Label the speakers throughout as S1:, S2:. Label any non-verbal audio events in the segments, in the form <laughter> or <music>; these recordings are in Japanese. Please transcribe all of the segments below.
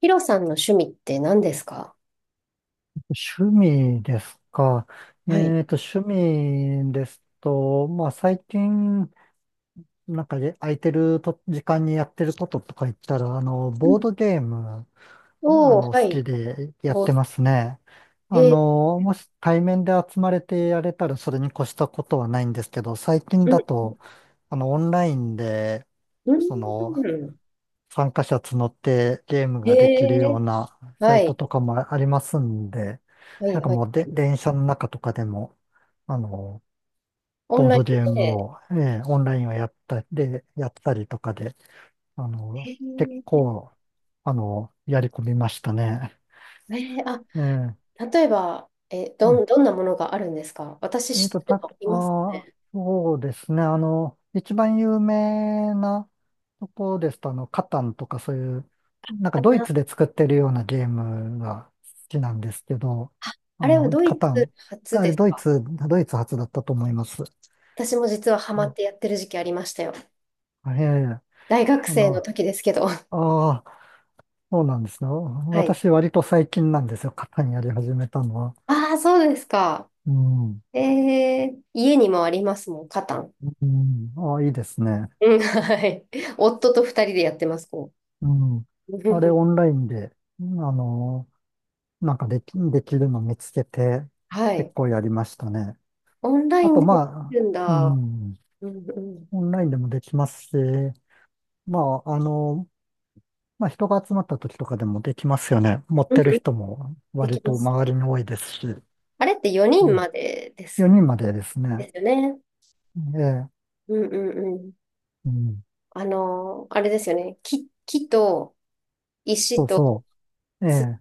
S1: ヒロさんの趣味って何ですか？
S2: 趣味ですか。
S1: はい。
S2: 趣味ですと、まあ、最近、なんかで空いてると時間にやってることとか言ったら、
S1: うん。
S2: ボードゲーム、
S1: おー、
S2: 好
S1: は
S2: き
S1: い。
S2: でやっ
S1: ぼ、
S2: てますね。
S1: へえ。
S2: もし対面で集まれてやれたらそれに越したことはないんですけど、最近
S1: うん、
S2: だと、オンラインで、その、
S1: うん。
S2: 参加者募ってゲーム
S1: へ
S2: ができるよ
S1: え。
S2: うなサ
S1: は
S2: イト
S1: い、
S2: とかもありますんで、
S1: はい、
S2: なん
S1: はい、
S2: か
S1: は
S2: もうで、
S1: い。
S2: 電車の中とかでも、あの、
S1: オン
S2: ボー
S1: ラ
S2: ド
S1: イ
S2: ゲ
S1: ン
S2: ーム
S1: で。
S2: を、オンラインをやったりとかで、あの、結
S1: へ
S2: 構、やり込みましたね。
S1: ええー、あ、
S2: え
S1: 例えば、
S2: え
S1: どんなものがあるんですか？私
S2: えっ
S1: 知
S2: と、
S1: ってる
S2: た、
S1: のいます
S2: あー、
S1: ね。
S2: そうですね。一番有名なとこですと、カタンとかそういう、なんか
S1: あ、
S2: ドイ
S1: なあ、
S2: ツで作ってるようなゲームが好きなんですけど、
S1: あれはド
S2: カ
S1: イ
S2: タ
S1: ツ
S2: ン
S1: 初
S2: があ
S1: で
S2: れ
S1: す
S2: ドイ
S1: か？
S2: ツ、ドイツ発だったと思います。
S1: 私も実はハ
S2: う
S1: マっ
S2: ん、
S1: てやってる時期ありましたよ。
S2: ええ、
S1: 大学生の
S2: あ
S1: 時ですけど。<laughs>
S2: あ、そうなんですね。
S1: はい。
S2: 私割と最近なんですよ。カタンやり始めたのは。
S1: ああ、そうですか。
S2: うん、
S1: え家にもありますもん、カタン。
S2: うん、ああ、いいですね。
S1: うん、はい。夫と二人でやってます、こ
S2: うん。
S1: う。<laughs> う
S2: あれ
S1: ん。
S2: オンラインで、なんかできるの見つけて、
S1: は
S2: 結
S1: い。
S2: 構やりましたね。
S1: オンライ
S2: あ
S1: ン
S2: と、
S1: でもで
S2: ま
S1: き
S2: あ、
S1: るん
S2: う
S1: だ。
S2: ん、
S1: うんうん。
S2: オンラインでもできますし、まあ、まあ、人が集まった時とかでもできますよね。持っ
S1: うん
S2: てる
S1: うん、
S2: 人も
S1: で
S2: 割
S1: きま
S2: と
S1: す。
S2: 周りに多いですし、
S1: あれって4
S2: う
S1: 人
S2: ん、
S1: までです。
S2: 4人までですね。
S1: ですよね。
S2: ええ、
S1: うんうんうん。
S2: うん、
S1: あれですよね。木と
S2: そ
S1: 石
S2: う
S1: と
S2: そう。え
S1: 土、
S2: え、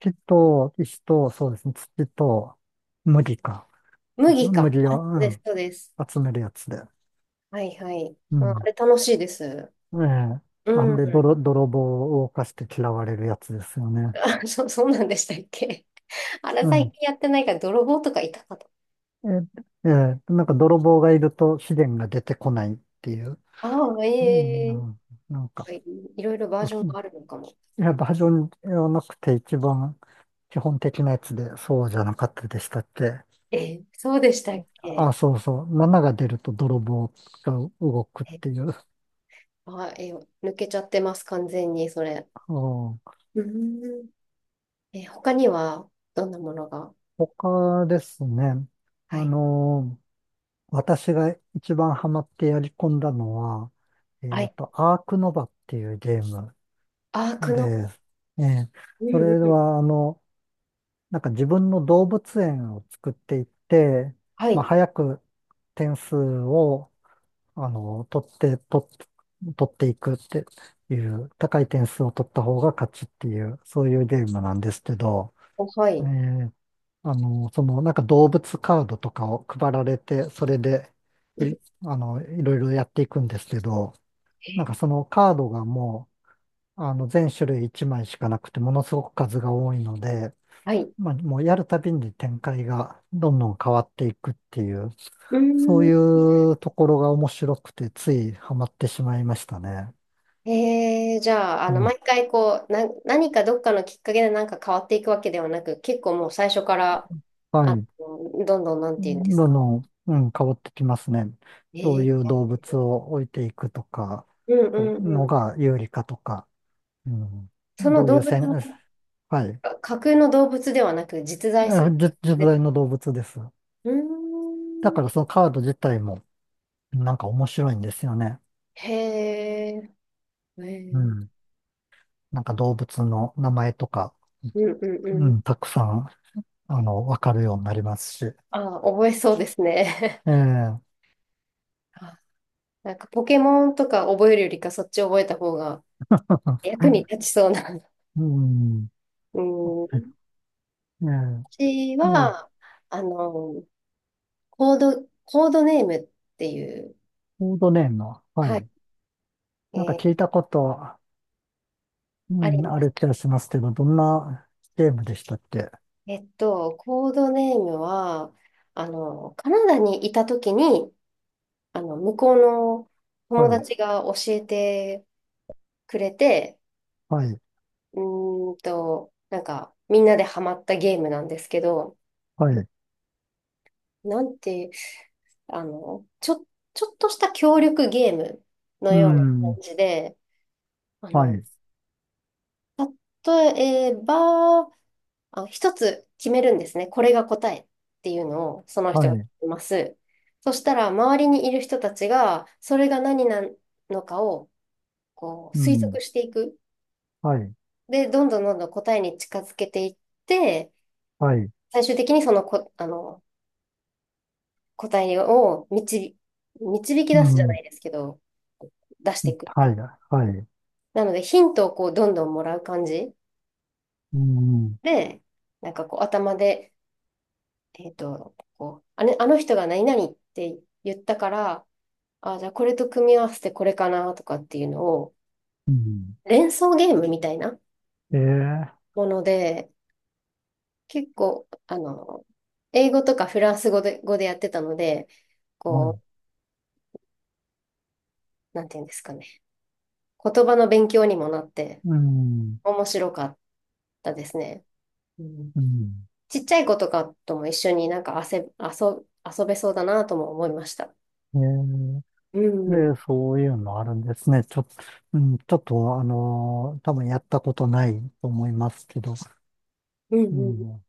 S2: 木と石と、そうですね、土と麦か。
S1: 麦か。
S2: 麦
S1: あ、
S2: を、
S1: そ
S2: う
S1: うです、
S2: ん、
S1: そうです。
S2: 集めるやつで。
S1: はいはい。
S2: う
S1: うん、あ
S2: ん、
S1: れ楽しいです。
S2: ええ。あ
S1: う
S2: ん
S1: ん。
S2: で、泥棒を犯して嫌われるやつですよね。
S1: あ、<laughs> そうなんでしたっけ。<laughs> あれ
S2: う
S1: 最近
S2: ん。
S1: やってないから泥棒とかいたかと。
S2: え、ええ、なんか泥棒がいると資源が出てこないっていう。
S1: ああ、
S2: う
S1: ええ、
S2: ん。なんか、
S1: ぱいいろいろバージョンがあるのかも。
S2: やっぱバージョンではなくて一番基本的なやつでそうじゃなかったでしたっけ。
S1: そうでしたっ
S2: あ、
S1: け？
S2: そうそう。7が出ると泥棒が動くって
S1: え、
S2: いう。
S1: あ、え、抜けちゃってます、完全に、それ。
S2: うん、
S1: うーん。他には、どんなものが？
S2: 他ですね。
S1: は
S2: あ
S1: い。
S2: の私が一番ハマってやり込んだのは、
S1: はい。
S2: アークノバっていうゲーム
S1: アークの、
S2: で、ええ、
S1: う
S2: そ
S1: んうん
S2: れ
S1: うん。
S2: は、なんか自分の動物園を作っていって、
S1: は
S2: まあ、
S1: い。
S2: 早く点数を、あの、取って、取って、取っていくっていう、高い点数を取った方が勝ちっていう、そういうゲームなんですけど、
S1: お、は
S2: え
S1: い。
S2: え、なんか動物カードとかを配られて、それで、
S1: う
S2: い、
S1: ん、
S2: あの、いろいろやっていくんですけど、なんかそのカードがもう、全種類1枚しかなくて、ものすごく数が多いので、
S1: はい。
S2: まあ、もうやるたびに展開がどんどん変わっていくっていう、
S1: う
S2: そ
S1: ん
S2: う
S1: ん。
S2: いうところが面白くて、ついハマってしまいましたね。
S1: じゃあ、
S2: うん。
S1: 毎回こう、何かどっかのきっかけでなんか変わっていくわけではなく、結構もう最初から、
S2: はい。
S1: どんどんなん
S2: ど
S1: て言うんです
S2: ん
S1: か？
S2: どん、うん、変わってきますね。どう
S1: え
S2: いう
S1: ー、
S2: 動物を置いていくとか、
S1: うんうんう
S2: の
S1: ん。
S2: が有利かとか、うん、
S1: その
S2: どうい
S1: 動
S2: う
S1: 物
S2: 戦、
S1: の、
S2: はい、
S1: あ、架空の動物ではなく実在す
S2: あ、
S1: る。
S2: じ実
S1: で、
S2: 在の動物です。
S1: うー
S2: だか
S1: ん。
S2: らそのカード自体もなんか面白いんですよね。
S1: へえ。へ
S2: う
S1: ー。
S2: ん、なんか動物の名前とか、
S1: うんうん
S2: う
S1: うん。
S2: ん、たくさん、わかるようになりますし。
S1: ああ、覚えそうですね。
S2: ええ。
S1: <laughs> あ、なんかポケモンとか覚えるよりかそっち覚えた方が役に
S2: <laughs>
S1: 立ちそうな。<laughs>
S2: うん。
S1: うん。
S2: ね
S1: 私
S2: え、ねえ、
S1: は、あの、コードネームっていう、
S2: コードネームは、は
S1: はい、
S2: い。
S1: え
S2: なんか
S1: ー
S2: 聞いたこと、う
S1: あ
S2: ん、
S1: り
S2: あ
S1: ま
S2: る
S1: す。
S2: 気がしますけど、どんなゲームでしたっけ。
S1: コードネームは、カナダにいたときに、向こうの
S2: は
S1: 友
S2: い、
S1: 達が教えてくれて、
S2: はい、
S1: うなんか、みんなでハマったゲームなんですけど、
S2: はい、
S1: なんて、あの、ちょ、ちょっとした協力ゲームの
S2: う
S1: ような感
S2: ん、
S1: じで、あ
S2: は
S1: の、
S2: い、
S1: 例えば、あ、一つ決めるんですね。これが答えっていうのを、その
S2: は
S1: 人が決
S2: い、
S1: めます。そしたら、周りにいる人たちが、それが何なのかを、こう、
S2: う
S1: 推
S2: ん、
S1: 測していく。
S2: はい、
S1: で、どんどんどんどん答えに近づけていって、
S2: はい、
S1: 最終的にそのこ、答えを導き
S2: う
S1: 出すじゃな
S2: ん、
S1: いですけど、出していくって
S2: は
S1: い
S2: い、
S1: う。
S2: はい、
S1: なので、ヒントをこう、どんどんもらう感じ
S2: うん、
S1: で、なんかこう、頭で、こう、あれ、あの人が何々って言ったから、あ、じゃあこれと組み合わせてこれかなとかっていうのを、
S2: うん、
S1: 連想ゲームみたいな
S2: えー、
S1: もので、結構、英語とかフランス語で、語でやってたので、
S2: はい、
S1: こう、なんていうんですかね。言葉の勉強にもなって、
S2: うん、
S1: 面白かったですね。うん、
S2: うん、
S1: ちっちゃい子とかとも一緒になんか遊べそうだなとも思いました。
S2: えー、
S1: うん、うん、
S2: で、そういうのあるんですね。ちょっと、うん、ちょっと、多分やったことないと思いますけど、
S1: う
S2: う
S1: ん
S2: ん、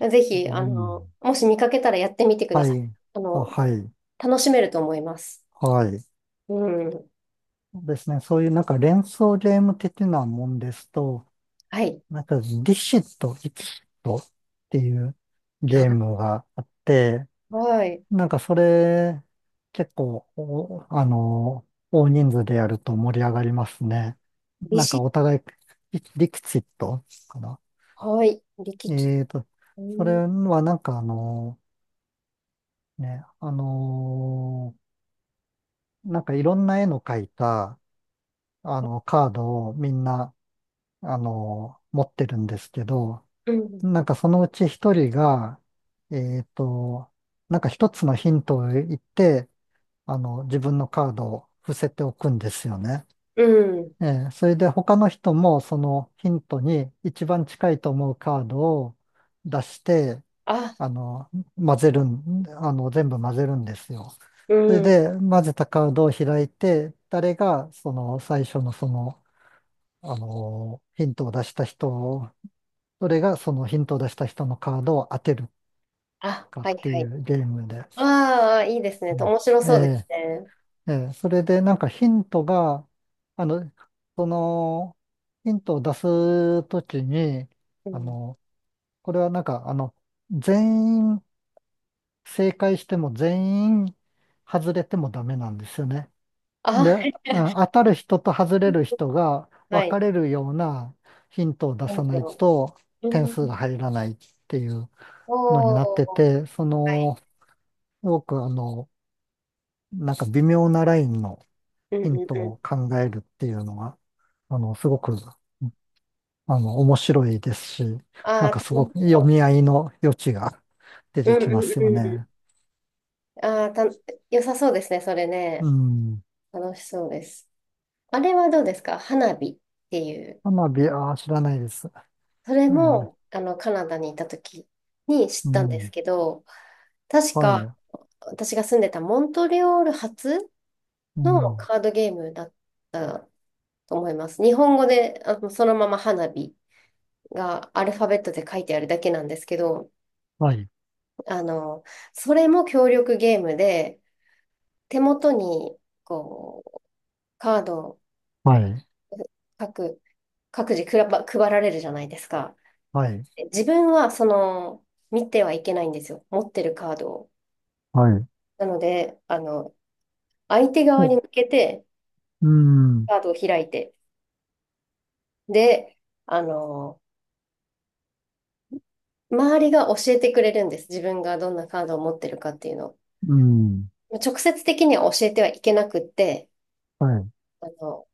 S1: うん。ぜ
S2: う
S1: ひ、
S2: ん、
S1: もし見かけたらやってみてくだ
S2: は
S1: さい。
S2: い、
S1: あ
S2: あ、
S1: の、
S2: はい、
S1: 楽しめると思います。
S2: はい。
S1: うん。
S2: そうですね。そういうなんか連想ゲーム的なもんですと、
S1: はい。
S2: なんかリシット、イキシットっていうゲームがあって、
S1: はい。
S2: なんかそれ結構お、あの、大人数でやると盛り上がりますね。
S1: 利
S2: なんか
S1: 子。
S2: お互い、リリキシットかな。
S1: はい。力士。
S2: えーと、
S1: う
S2: それ
S1: ん。
S2: はなんかね、あの、なんかいろんな絵の描いた、カードをみんな持ってるんですけど、
S1: う
S2: な
S1: ん。
S2: んかそのうち一人が、えっと、なんか一つのヒントを言って、自分のカードを伏せておくんですよね。
S1: うん。
S2: ええ、それで他の人もそのヒントに一番近いと思うカードを出して、
S1: あ、
S2: あの、混ぜるん、あの、全部混ぜるんですよ。
S1: う
S2: それ
S1: ん。
S2: で混ぜたカードを開いて、誰がその最初のその、あの、ヒントを出した人それがそのヒントを出した人のカードを当てる
S1: あ、
S2: かっ
S1: はい
S2: て
S1: は
S2: い
S1: い。
S2: うゲームで。
S1: ああ、いいですね。
S2: うん、
S1: 面白そうです
S2: え
S1: ね。
S2: え、ええ、それでなんかヒントが、あの、その、ヒントを出すときに、
S1: う
S2: あ
S1: ん、
S2: の、これはなんか、全員正解しても全員外れてもダメなんですよね。
S1: あ、は
S2: で、
S1: い。
S2: あ、当たる人と外れる人が
S1: は
S2: 分
S1: い。
S2: かれるようなヒントを出
S1: イ
S2: さ
S1: ン
S2: ない
S1: ド。
S2: と
S1: う
S2: 点
S1: ん。
S2: 数が入らないっていうのになっ
S1: お
S2: て
S1: ー。
S2: て、そ
S1: はい。
S2: の、すごくなんか微妙なラインの
S1: うんう
S2: ヒン
S1: ん
S2: ト
S1: うん。
S2: を考えるっていうのが、すごく、面白いですし、
S1: あ
S2: なん
S1: あ、
S2: か
S1: 楽
S2: すご
S1: し
S2: く読
S1: そ
S2: み合いの余地が出
S1: う。
S2: て
S1: うん
S2: き
S1: う
S2: ま
S1: ん
S2: すよ
S1: うん。
S2: ね。
S1: ああ、良さそうですね、それね。
S2: うん。
S1: 楽しそうです。あれはどうですか？花火っていう。
S2: 花火、まあ、あ、知らないです。
S1: それ
S2: ね
S1: も、
S2: え、
S1: カナダにいた時に知っ
S2: う
S1: たんです
S2: ん。
S1: けど、確
S2: はい。
S1: か私が住んでたモントリオール発
S2: う
S1: の
S2: ん。
S1: カードゲームだと思います。日本語で、そのまま花火がアルファベットで書いてあるだけなんですけど、
S2: はい。
S1: あの、それも協力ゲームで、手元に、こう、カードを
S2: はい。
S1: 各、各自くらば配られるじゃないですか。
S2: はい。
S1: で自分は、その、見てはいけないんですよ。持ってるカードを。
S2: はい。
S1: なので、相手側に
S2: お、
S1: 向けて、
S2: うん。
S1: カードを開いて。で、あの、周りが教えてくれるんです。自分がどんなカードを持ってるかっていうのを。
S2: うん。
S1: 直接的には教えてはいけなくって、
S2: はい。
S1: あの、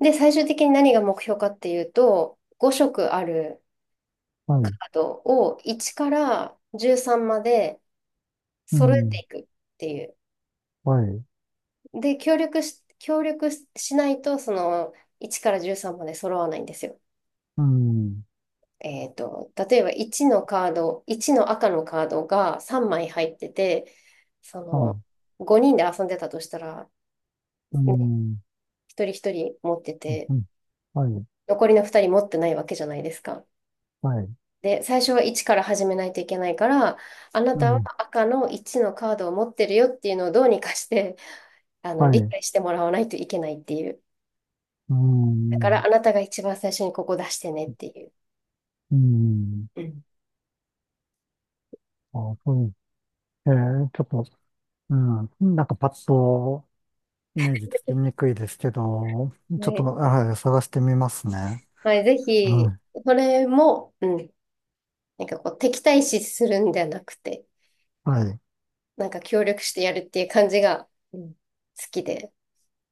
S1: で、最終的に何が目標かっていうと、5色ある
S2: は
S1: カ
S2: い。
S1: ードを1から13まで
S2: う
S1: 揃え
S2: ん。
S1: ていくっていう。
S2: はい。
S1: で、協力しないと、その1から13まで揃わないんですよ。
S2: うん。
S1: 例えば1のカード、1の赤のカードが3枚入ってて、そ
S2: はい。
S1: の5人で遊んでたとしたら、
S2: う
S1: ね、
S2: ん。
S1: 一人一人持って
S2: うん、
S1: て、
S2: うん、はい、
S1: 残りの2人持ってないわけじゃないですか。
S2: はい、
S1: で、最初は1から始めないといけないから、あな
S2: う
S1: たは
S2: ん、
S1: 赤の1のカードを持ってるよっていうのをどうにかして、
S2: はい、
S1: 理
S2: う
S1: 解してもらわないといけないっていう。だから
S2: ん、
S1: あなたが一番最初にここ出してねっていう。
S2: うん、
S1: うん。
S2: あ、そう、えー、ちょっと、うん、なんかパッとイメージつきにくいですけど、
S1: は
S2: ちょっと、
S1: い。
S2: はい、探してみますね。
S1: はい、ぜひ、
S2: は
S1: それも、うん。なんかこう、敵対視するんじゃなくて、
S2: い、はい。
S1: なんか協力してやるっていう感じが、うん、好きで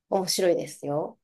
S1: 面白いですよ。